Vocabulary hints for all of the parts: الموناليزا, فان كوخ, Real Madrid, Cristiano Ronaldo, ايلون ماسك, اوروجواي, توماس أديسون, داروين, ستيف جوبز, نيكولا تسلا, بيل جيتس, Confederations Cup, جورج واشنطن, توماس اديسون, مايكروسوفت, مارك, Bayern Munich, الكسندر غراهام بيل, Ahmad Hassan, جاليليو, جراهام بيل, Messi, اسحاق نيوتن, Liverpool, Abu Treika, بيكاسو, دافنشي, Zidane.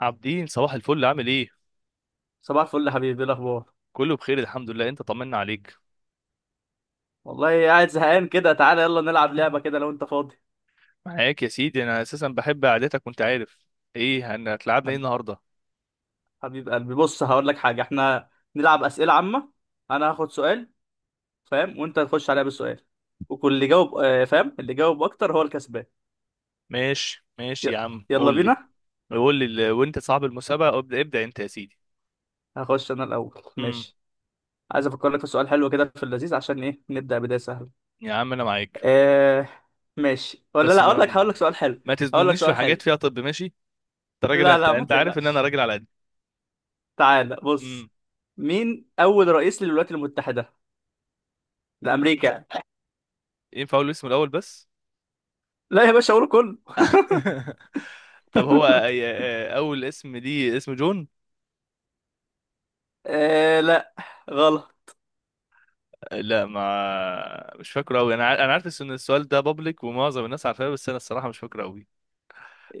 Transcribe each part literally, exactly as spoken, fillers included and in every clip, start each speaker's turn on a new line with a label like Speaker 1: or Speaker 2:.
Speaker 1: عابدين، صباح الفل، عامل ايه؟
Speaker 2: صباح الفل يا حبيبي، ايه الاخبار؟
Speaker 1: كله بخير الحمد لله. انت طمنا عليك.
Speaker 2: والله قاعد زهقان كده. تعالى يلا نلعب لعبه كده لو انت فاضي.
Speaker 1: معاك يا سيدي، انا اساسا بحب قعدتك وانت عارف. ايه هن- هتلعبنا ايه
Speaker 2: حب-
Speaker 1: النهارده؟
Speaker 2: حبيب قلبي، بص هقول لك حاجه. احنا نلعب اسئله عامه. انا هاخد سؤال، فاهم؟ وانت تخش عليا بالسؤال، وكل اللي جاوب آه، فاهم؟ اللي جاوب اكتر هو الكسبان.
Speaker 1: ماشي ماشي
Speaker 2: ي-
Speaker 1: يا عم
Speaker 2: يلا
Speaker 1: قول لي.
Speaker 2: بينا.
Speaker 1: قول لي ال- وانت صاحب المسابقه، ابدا ابدا انت يا سيدي.
Speaker 2: هخش انا الاول،
Speaker 1: امم
Speaker 2: ماشي؟ عايز افكر لك في سؤال حلو كده في اللذيذ، عشان ايه؟ نبدا بدايه سهله.
Speaker 1: يا عم انا معاك.
Speaker 2: آه ماشي ولا
Speaker 1: بس
Speaker 2: لا؟ اقول لك،
Speaker 1: ما
Speaker 2: هقول لك سؤال حلو.
Speaker 1: ما
Speaker 2: هقول لك
Speaker 1: تزنونيش في
Speaker 2: سؤال حلو.
Speaker 1: حاجات فيها. طب ماشي. انت راجل،
Speaker 2: لا
Speaker 1: انت
Speaker 2: لا، ما
Speaker 1: انت عارف ان انا
Speaker 2: تقلقش.
Speaker 1: راجل على قد.
Speaker 2: تعالى
Speaker 1: امم
Speaker 2: بص، مين اول رئيس للولايات المتحده؟ ده امريكا.
Speaker 1: ينفع اقول اسمه الاول بس؟
Speaker 2: لا يا باشا، اقوله كله.
Speaker 1: طب هو اي- اول اسم دي اسم جون؟
Speaker 2: آه لا، غلط.
Speaker 1: لا، ما مش فاكره قوي. انا ع- انا عارف ان السؤال ده بابليك ومعظم الناس عارفاه، بس انا الصراحه مش فاكره قوي.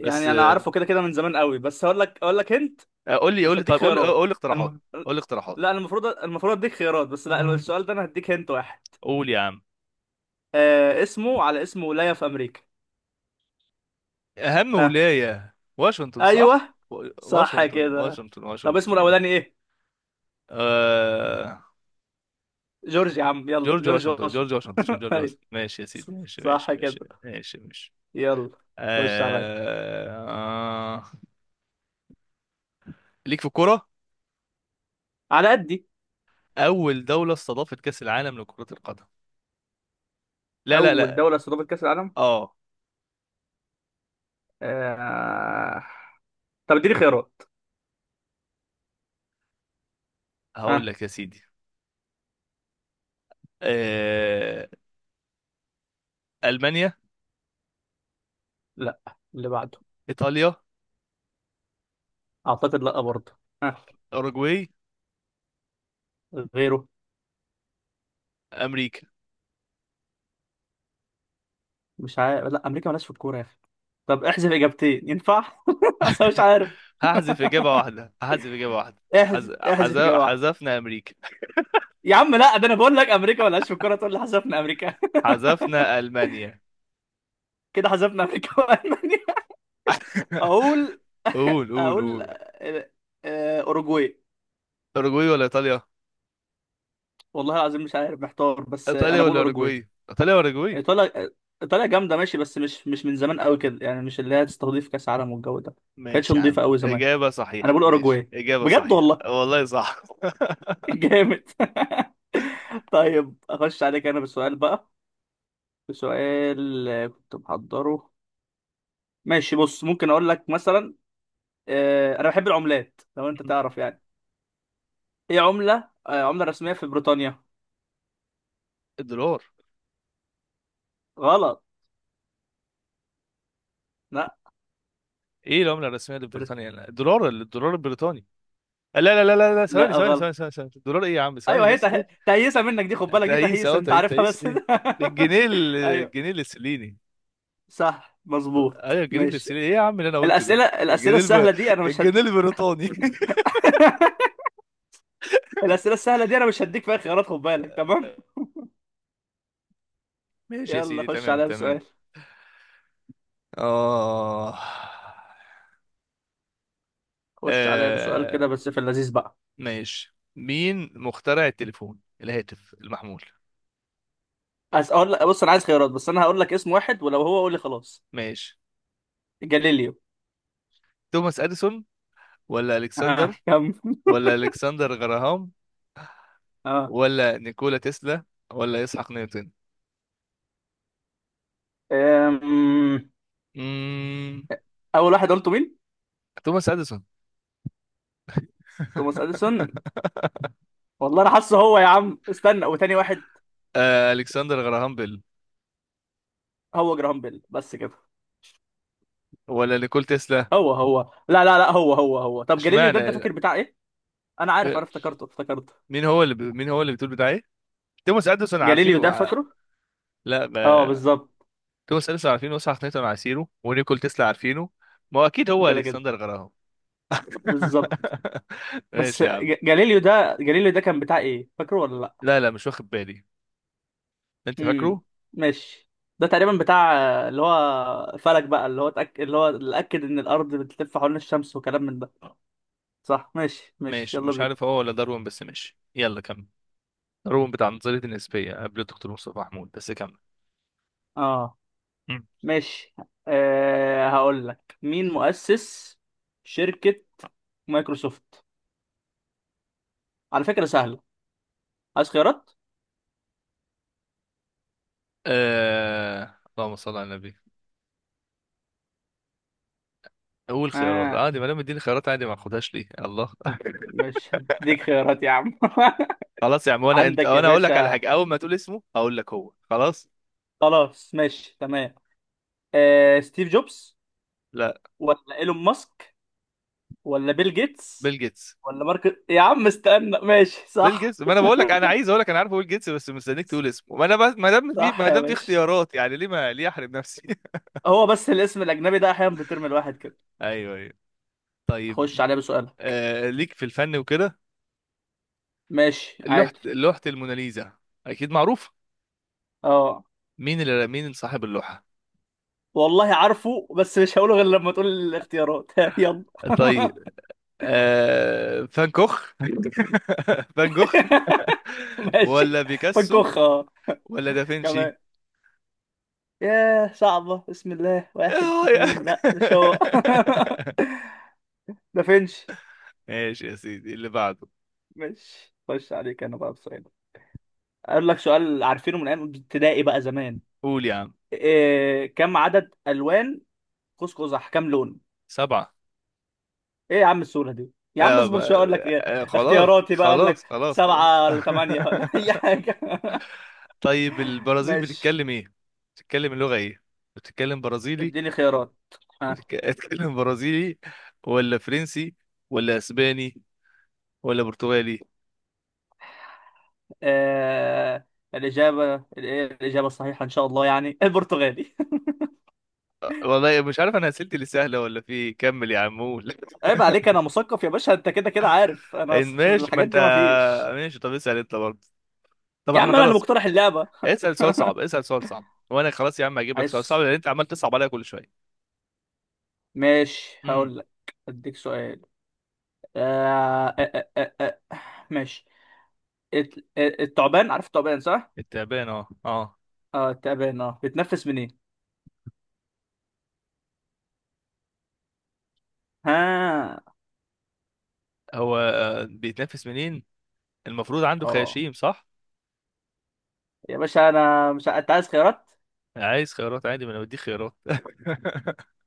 Speaker 1: بس
Speaker 2: انا عارفه كده كده من زمان قوي، بس هقول لك، اقول لك انت.
Speaker 1: آه، قول لي قول
Speaker 2: مش
Speaker 1: لي.
Speaker 2: هديك
Speaker 1: طيب قول لي قول لي
Speaker 2: خيارات
Speaker 1: اقتراحات.
Speaker 2: الم... قول.
Speaker 1: قول لي اقتراحات.
Speaker 2: لا، أنا المفروض المفروض اديك خيارات، بس لا، السؤال ده انا هديك هنت واحد.
Speaker 1: قول يا عم.
Speaker 2: آه، اسمه على اسم ولاية في امريكا.
Speaker 1: اهم
Speaker 2: ها.
Speaker 1: ولايه واشنطن، صح؟
Speaker 2: ايوه،
Speaker 1: و-
Speaker 2: صح
Speaker 1: واشنطن
Speaker 2: كده.
Speaker 1: واشنطن
Speaker 2: طب اسمه
Speaker 1: واشنطن.
Speaker 2: الاولاني ايه؟
Speaker 1: آه...
Speaker 2: جورج، يا عم يلا،
Speaker 1: جورج
Speaker 2: جورج
Speaker 1: واشنطن، جورج
Speaker 2: واشنطن.
Speaker 1: واشنطن، مش جورج
Speaker 2: أيوة،
Speaker 1: واشنطن؟ ماشي يا سيدي، ماشي ماشي
Speaker 2: صح كده.
Speaker 1: ماشي ماشي ماشي.
Speaker 2: يلا خش عليا.
Speaker 1: آه... آه... ليك في الكوره.
Speaker 2: على قدي.
Speaker 1: اول دوله استضافت كاس العالم لكره القدم. لا لا
Speaker 2: اول
Speaker 1: لا.
Speaker 2: دولة استضافت كأس العالم.
Speaker 1: اه.
Speaker 2: آه... طب اديني خيارات.
Speaker 1: هقول
Speaker 2: ها.
Speaker 1: لك يا سيدي. آه، المانيا.
Speaker 2: لا، اللي بعده.
Speaker 1: ايطاليا.
Speaker 2: اعتقد لا برضه. ها.
Speaker 1: اوروجواي.
Speaker 2: غيره.
Speaker 1: امريكا.
Speaker 2: مش عارف، لا، امريكا مالهاش في الكوره يا اخي. طب احذف اجابتين ينفع؟ اصلا مش عارف.
Speaker 1: هحذف اجابه واحده، هحذف اجابه واحده.
Speaker 2: احذف،
Speaker 1: حز... حز...
Speaker 2: احذف اجابه واحده.
Speaker 1: حذفنا امريكا.
Speaker 2: يا عم لا، ده انا بقول لك امريكا مالهاش في الكوره، تقول لي حذفنا امريكا؟
Speaker 1: حذفنا المانيا.
Speaker 2: كده حذفنا امريكا والمانيا. اقول،
Speaker 1: قول قول
Speaker 2: اقول
Speaker 1: قول.
Speaker 2: آه، آه، اوروجواي.
Speaker 1: اوروجواي ولا ايطاليا؟
Speaker 2: والله العظيم مش عارف، محتار، بس آه،
Speaker 1: ايطاليا
Speaker 2: انا بقول
Speaker 1: ولا
Speaker 2: اوروجواي.
Speaker 1: اوروجواي؟ ايطاليا ولا اوروجواي؟
Speaker 2: ايطاليا. ايطاليا جامده ماشي، بس مش مش من زمان قوي كده، يعني مش اللي هي تستضيف كاس عالم والجو ده. كانتش
Speaker 1: ماشي يا
Speaker 2: نظيفه
Speaker 1: عم،
Speaker 2: قوي زمان.
Speaker 1: اجابه
Speaker 2: انا
Speaker 1: صحيحه.
Speaker 2: بقول
Speaker 1: ماشي،
Speaker 2: اوروجواي.
Speaker 1: اجابه
Speaker 2: بجد
Speaker 1: صحيحه
Speaker 2: والله.
Speaker 1: والله، صح.
Speaker 2: جامد. طيب اخش عليك انا بسؤال بقى. بسؤال، آه، كنت محضره. ماشي بص، ممكن اقول لك مثلا، آه، انا بحب العملات لو انت تعرف يعني. ايه عملة، آه، عملة رسمية في بريطانيا؟
Speaker 1: الدولار.
Speaker 2: غلط. لا.
Speaker 1: ايه العمله الرسميه
Speaker 2: بريط...
Speaker 1: لبريطانيا؟ الدولار، الدولار البريطاني. لا لا لا لا لا، ثواني
Speaker 2: لا
Speaker 1: ثواني ثواني
Speaker 2: غلط.
Speaker 1: ثواني ثواني. الدولار؟ ايه يا عم، ثواني
Speaker 2: ايوه، هي
Speaker 1: بس. إيه؟
Speaker 2: ته... تهيسة منك دي، خد بالك دي
Speaker 1: تقيس
Speaker 2: تهيسة،
Speaker 1: اهو،
Speaker 2: انت
Speaker 1: تقيس،
Speaker 2: عارفها
Speaker 1: تقيس
Speaker 2: بس.
Speaker 1: ليه؟ الجنيه ال-
Speaker 2: ايوه،
Speaker 1: الجنيه الاسترليني.
Speaker 2: صح مظبوط
Speaker 1: ايوه الجنيه
Speaker 2: ماشي.
Speaker 1: الاسترليني. ايه يا عم اللي انا قلته ده؟
Speaker 2: الاسئله الاسئله
Speaker 1: الجنيه الب...
Speaker 2: السهله دي انا مش هت...
Speaker 1: الجنيه البريطاني.
Speaker 2: الأسئلة السهلة دي أنا مش هديك فيها خيارات، خد بالك، تمام.
Speaker 1: ماشي يا
Speaker 2: يلا
Speaker 1: سيدي،
Speaker 2: خش
Speaker 1: تمام
Speaker 2: عليا
Speaker 1: تمام.
Speaker 2: بسؤال.
Speaker 1: اه.
Speaker 2: خش عليا بسؤال
Speaker 1: آه،
Speaker 2: كده بس في اللذيذ بقى.
Speaker 1: ماشي. مين مخترع التليفون، الهاتف المحمول؟
Speaker 2: عايز أقول لك، بص أنا عايز خيارات، بس أنا هقول لك اسم واحد ولو هو قول لي خلاص.
Speaker 1: ماشي.
Speaker 2: جاليليو.
Speaker 1: توماس اديسون، ولا
Speaker 2: آه
Speaker 1: الكسندر،
Speaker 2: كم.
Speaker 1: ولا الكسندر غراهام،
Speaker 2: آه.
Speaker 1: ولا نيكولا تسلا، ولا اسحاق نيوتن؟
Speaker 2: أم...
Speaker 1: امم
Speaker 2: أول واحد قلته مين؟
Speaker 1: توماس اديسون.
Speaker 2: توماس أديسون. والله أنا حاسه هو، يا عم استنى وتاني واحد.
Speaker 1: آه الكسندر غراهام بيل،
Speaker 2: هو جراهام بيل بس كده.
Speaker 1: ولا نيكول تسلا.
Speaker 2: هو هو. لا لا لا، هو هو هو طب جاليليو ده أنت
Speaker 1: اشمعنى؟
Speaker 2: فاكر بتاع إيه؟ أنا عارف،
Speaker 1: آه،
Speaker 2: أنا افتكرته افتكرته
Speaker 1: مين هو اللي ب... مين هو اللي بتقول بتاع ايه؟ توماس اديسون عارفينه،
Speaker 2: جاليليو ده
Speaker 1: وع-
Speaker 2: فاكره؟
Speaker 1: لا
Speaker 2: أه
Speaker 1: ما...
Speaker 2: بالظبط.
Speaker 1: توماس اديسون عارفينه، وساعة نيوتن عارفينه، ونيكول تسلا عارفينه. ما هو اكيد هو
Speaker 2: كده كده.
Speaker 1: الكسندر غراهام.
Speaker 2: بالظبط. بس
Speaker 1: ماشي يا عم.
Speaker 2: ج- جاليليو ده، جاليليو ده كان بتاع ايه؟ فاكره ولا لا؟
Speaker 1: لا لا، مش واخد بالي. انت
Speaker 2: امم.
Speaker 1: فاكره؟
Speaker 2: ماشي. ده تقريبا بتاع، آه، اللي هو فلك بقى، اللي هو تأك... اللي هو اللي اكد ان الارض بتلف حوالين الشمس وكلام من ده. صح، ماشي ماشي،
Speaker 1: ماشي،
Speaker 2: يلا
Speaker 1: مش
Speaker 2: بينا.
Speaker 1: عارف هو ولا داروين، بس ماشي يلا كمل. داروين بتاع نظرية النسبية قبل الدكتور مصطفى محمود، بس كمل.
Speaker 2: اه،
Speaker 1: مم.
Speaker 2: ماشي. أه، هقول لك مين مؤسس شركة مايكروسوفت. على فكرة سهلة. عايز خيارات؟
Speaker 1: آه... اللهم صل على النبي. قول خيارات
Speaker 2: اه.
Speaker 1: عادي، ما دام اديني خيارات عادي ما اخدهاش ليه؟ الله.
Speaker 2: مش هديك خيارات يا عم.
Speaker 1: خلاص يا عم، وانا انت
Speaker 2: عندك يا
Speaker 1: وانا اقول لك على
Speaker 2: باشا.
Speaker 1: حاجه، اول ما تقول اسمه هقول لك هو، خلاص.
Speaker 2: خلاص ماشي تمام. أه، ستيف جوبز،
Speaker 1: لا.
Speaker 2: ولا ايلون ماسك، ولا بيل جيتس،
Speaker 1: بيل جيتس.
Speaker 2: ولا مارك، يا عم استنى. ماشي
Speaker 1: بيل
Speaker 2: صح.
Speaker 1: جيتس، ما انا بقول لك انا عايز اقول لك، انا عارفه بيل جيتس، بس مستنيك تقول اسمه. ما انا بس ما دام في ما
Speaker 2: صح يا
Speaker 1: دام في
Speaker 2: باشا.
Speaker 1: اختيارات يعني ليه، ما ليه احرم نفسي؟
Speaker 2: هو بس الاسم الاجنبي ده احيانا بترمي الواحد كده.
Speaker 1: ايوه ايوه.
Speaker 2: خش
Speaker 1: طيب.
Speaker 2: عليه بسؤال.
Speaker 1: آه ليك في الفن وكده.
Speaker 2: ماشي
Speaker 1: لوحة،
Speaker 2: عادي.
Speaker 1: لوحة الموناليزا، اكيد معروف.
Speaker 2: اه.
Speaker 1: مين اللي مين صاحب اللوحة؟
Speaker 2: والله عارفه، بس مش هقوله غير لما تقول الاختيارات. يلا.
Speaker 1: طيب. آه فان كوخ. فان كوخ،
Speaker 2: ماشي.
Speaker 1: ولا بيكاسو،
Speaker 2: فنكوخ اه.
Speaker 1: ولا دافنشي.
Speaker 2: كمان. ياه صعبة. بسم الله. واحد
Speaker 1: آه، يا-
Speaker 2: اتنين، لا مش هو. ده فينش.
Speaker 1: ماشي يا سيدي، اللي بعده.
Speaker 2: ماشي. خش عليك، انا بقى بسؤال. اقول لك سؤال عارفينه من ايام ابتدائي بقى زمان.
Speaker 1: قول يا عم.
Speaker 2: إيه كم عدد الوان قوس قزح؟ كم لون؟
Speaker 1: سبعة.
Speaker 2: ايه يا عم السهوله دي؟ يا عم
Speaker 1: آه
Speaker 2: اصبر
Speaker 1: ما...
Speaker 2: شويه، اقول لك ايه
Speaker 1: آه خلاص
Speaker 2: اختياراتي بقى، اقول لك
Speaker 1: خلاص خلاص خلاص.
Speaker 2: سبعه ولا ثمانيه ولا اي حاجه.
Speaker 1: طيب البرازيل
Speaker 2: ماشي.
Speaker 1: بتتكلم ايه؟ بتتكلم اللغة ايه؟ بتتكلم برازيلي.
Speaker 2: اديني خيارات. ها.
Speaker 1: بتتك- بتتكلم برازيلي، ولا فرنسي، ولا اسباني، ولا برتغالي؟
Speaker 2: آه، الاجابه الايه الاجابه الصحيحه ان شاء الله يعني البرتغالي.
Speaker 1: والله مش عارف، انا اسئلتي اللي سهلة ولا في إيه. كمل يا عم قول.
Speaker 2: عيب عليك، انا مثقف يا باشا، انت كده كده عارف انا في
Speaker 1: ماشي، ما
Speaker 2: الحاجات
Speaker 1: انت.
Speaker 2: دي ما فيش.
Speaker 1: ماشي، طب اسأل انت برضه. طب
Speaker 2: يا
Speaker 1: احنا
Speaker 2: عم انا اللي
Speaker 1: خلاص.
Speaker 2: مقترح اللعبه.
Speaker 1: اسأل سؤال صعب، اسأل سؤال صعب، وانا خلاص يا عم هجيب لك سؤال صعب،
Speaker 2: عايز.
Speaker 1: لان انت عمال تصعب عليا كل شوية.
Speaker 2: ماشي هقول لك. اديك سؤال. آه آه آه آه. آه. ماشي. الت- الثعبان، عارف الثعبان صح؟
Speaker 1: التعبان، اه اه.
Speaker 2: اه التعبان اه، بتنفس منين؟ ها.
Speaker 1: هو آه، بيتنافس منين؟ المفروض عنده
Speaker 2: اه،
Speaker 1: خياشيم، صح؟
Speaker 2: يا باشا انا مش ع- انت عايز خيارات؟
Speaker 1: عايز خيارات عادي، ما انا بديك خيارات.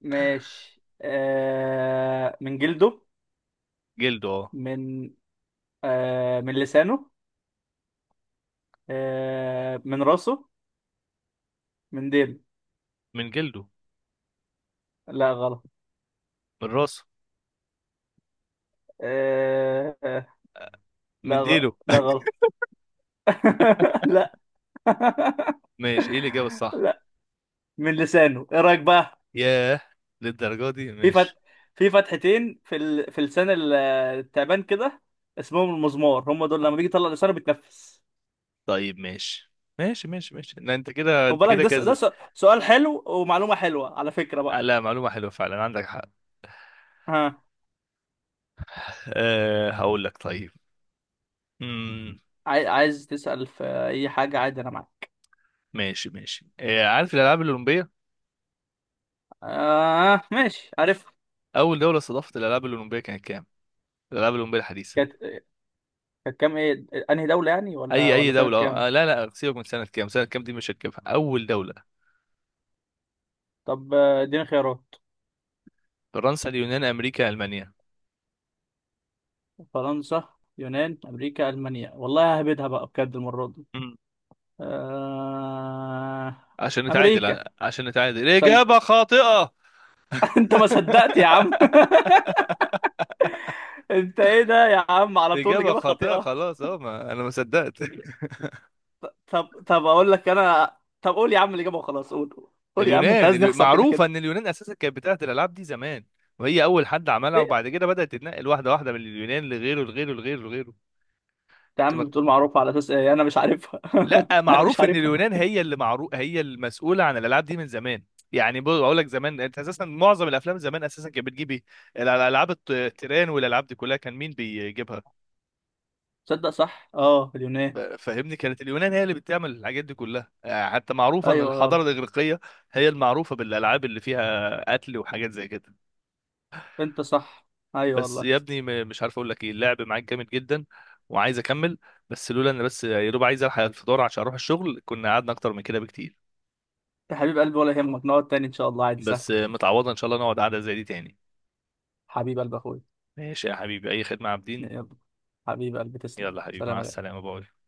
Speaker 2: ماشي. آه... من جلده.
Speaker 1: جلده، اه.
Speaker 2: من، آه... من لسانه. آه... من راسه. من ديله.
Speaker 1: من جلده.
Speaker 2: لا غلط.
Speaker 1: من راسه.
Speaker 2: آه... آه،
Speaker 1: من
Speaker 2: لا غ...
Speaker 1: ديله.
Speaker 2: لا غلط. لا.
Speaker 1: ماشي، ايه الاجابه الصح؟
Speaker 2: لا من لسانه، ايه رايك بقى؟
Speaker 1: ياه، للدرجه دي؟
Speaker 2: في فت...
Speaker 1: ماشي.
Speaker 2: في فتحتين في ال... في لسان ال- التعبان كده، اسمهم المزمار هم دول، لما بيجي يطلع لسانه بيتنفس.
Speaker 1: طيب ماشي ماشي ماشي ماشي. لا انت كده،
Speaker 2: خد
Speaker 1: انت
Speaker 2: بالك
Speaker 1: كده
Speaker 2: ده س... ده
Speaker 1: كذا.
Speaker 2: س... سؤال حلو ومعلومة حلوة على فكرة
Speaker 1: آه،
Speaker 2: بقى.
Speaker 1: لا معلومه حلوه فعلا، عندك حق.
Speaker 2: ها.
Speaker 1: أه هقول لك. طيب. امم
Speaker 2: عاي... عايز تسأل في أي حاجة عادي، أنا معاك.
Speaker 1: ماشي ماشي. أه عارف الالعاب الاولمبيه؟
Speaker 2: آه ماشي عارف.
Speaker 1: اول دوله استضافت الالعاب الاولمبيه كانت كام؟ الالعاب الاولمبيه الحديثه.
Speaker 2: كانت، كانت كام؟ إيه أنهي دولة يعني، ولا
Speaker 1: اي اي
Speaker 2: ولا سنة
Speaker 1: دوله.
Speaker 2: كام؟
Speaker 1: آه لا لا، سيبك من سنه كام، سنه كام دي مش هتجيبها، اول دوله.
Speaker 2: طب آه، اديني خيارات.
Speaker 1: فرنسا، اليونان، امريكا، المانيا.
Speaker 2: فرنسا، يونان، أمريكا، ألمانيا. والله ههبدها بقى بجد المرة دي.
Speaker 1: مم.
Speaker 2: آه...
Speaker 1: عشان
Speaker 2: أمريكا.
Speaker 1: نتعادل، عشان نتعادل،
Speaker 2: ثانية.
Speaker 1: اجابه خاطئه.
Speaker 2: انت ما صدقت يا عم. انت ايه ده يا عم، على طول
Speaker 1: اجابه
Speaker 2: الاجابه
Speaker 1: خاطئه
Speaker 2: خاطئه.
Speaker 1: خلاص، اه ما انا ما صدقت.
Speaker 2: طب طب اقول لك انا. طب قول يا عم الاجابه وخلاص، قول. قول يا عم، انت
Speaker 1: اليونان.
Speaker 2: عايز
Speaker 1: اليو...
Speaker 2: نخسر كده
Speaker 1: معروفه
Speaker 2: كده.
Speaker 1: ان اليونان اساسا كانت بتاعت الالعاب دي زمان، وهي اول حد عملها،
Speaker 2: ايه،
Speaker 1: وبعد كده بدات تتنقل واحده واحده من اليونان لغيره لغيره لغيره لغيره.
Speaker 2: انت يا عم بتقول معروفه على اساس ايه؟ انا مش عارفها.
Speaker 1: لا،
Speaker 2: انا مش
Speaker 1: معروف ان
Speaker 2: عارفها.
Speaker 1: اليونان هي اللي، معروف هي المسؤوله عن الالعاب دي من زمان. يعني بقول بقول لك، زمان انت اساسا معظم الافلام زمان اساسا كانت بتجيب ايه؟ الالعاب الط- التيران والالعاب دي كلها، كان مين بيجيبها؟
Speaker 2: صدق صح اه،
Speaker 1: ف-
Speaker 2: اليونان.
Speaker 1: فاهمني، كانت اليونان هي اللي بتعمل الحاجات دي كلها. آه، حتى معروفه ان
Speaker 2: ايوه يلا.
Speaker 1: الحضاره الاغريقيه هي المعروفه بالالعاب اللي فيها قتل وحاجات زي كده.
Speaker 2: انت صح. ايوه
Speaker 1: بس
Speaker 2: والله.
Speaker 1: يا ابني، م- مش عارف اقول لك ايه، اللعب معاك جامد جدا، وعايز اكمل، بس لولا ان، بس يا دوب عايز الحق الفطار عشان اروح الشغل، كنا قعدنا اكتر من كده بكتير.
Speaker 2: يا حبيب قلبي ولا يهمك، نقعد تاني ان شاء الله، عادي سهل.
Speaker 1: بس متعوضة ان شاء الله، نقعد قعدة زي دي تاني.
Speaker 2: حبيب قلبي اخويا.
Speaker 1: ماشي يا حبيبي، اي خدمة يا عابدين.
Speaker 2: يلا. حبيب قلبي، تسلم،
Speaker 1: يلا حبيبي،
Speaker 2: سلام
Speaker 1: مع
Speaker 2: يا غالي.
Speaker 1: السلامة، باي.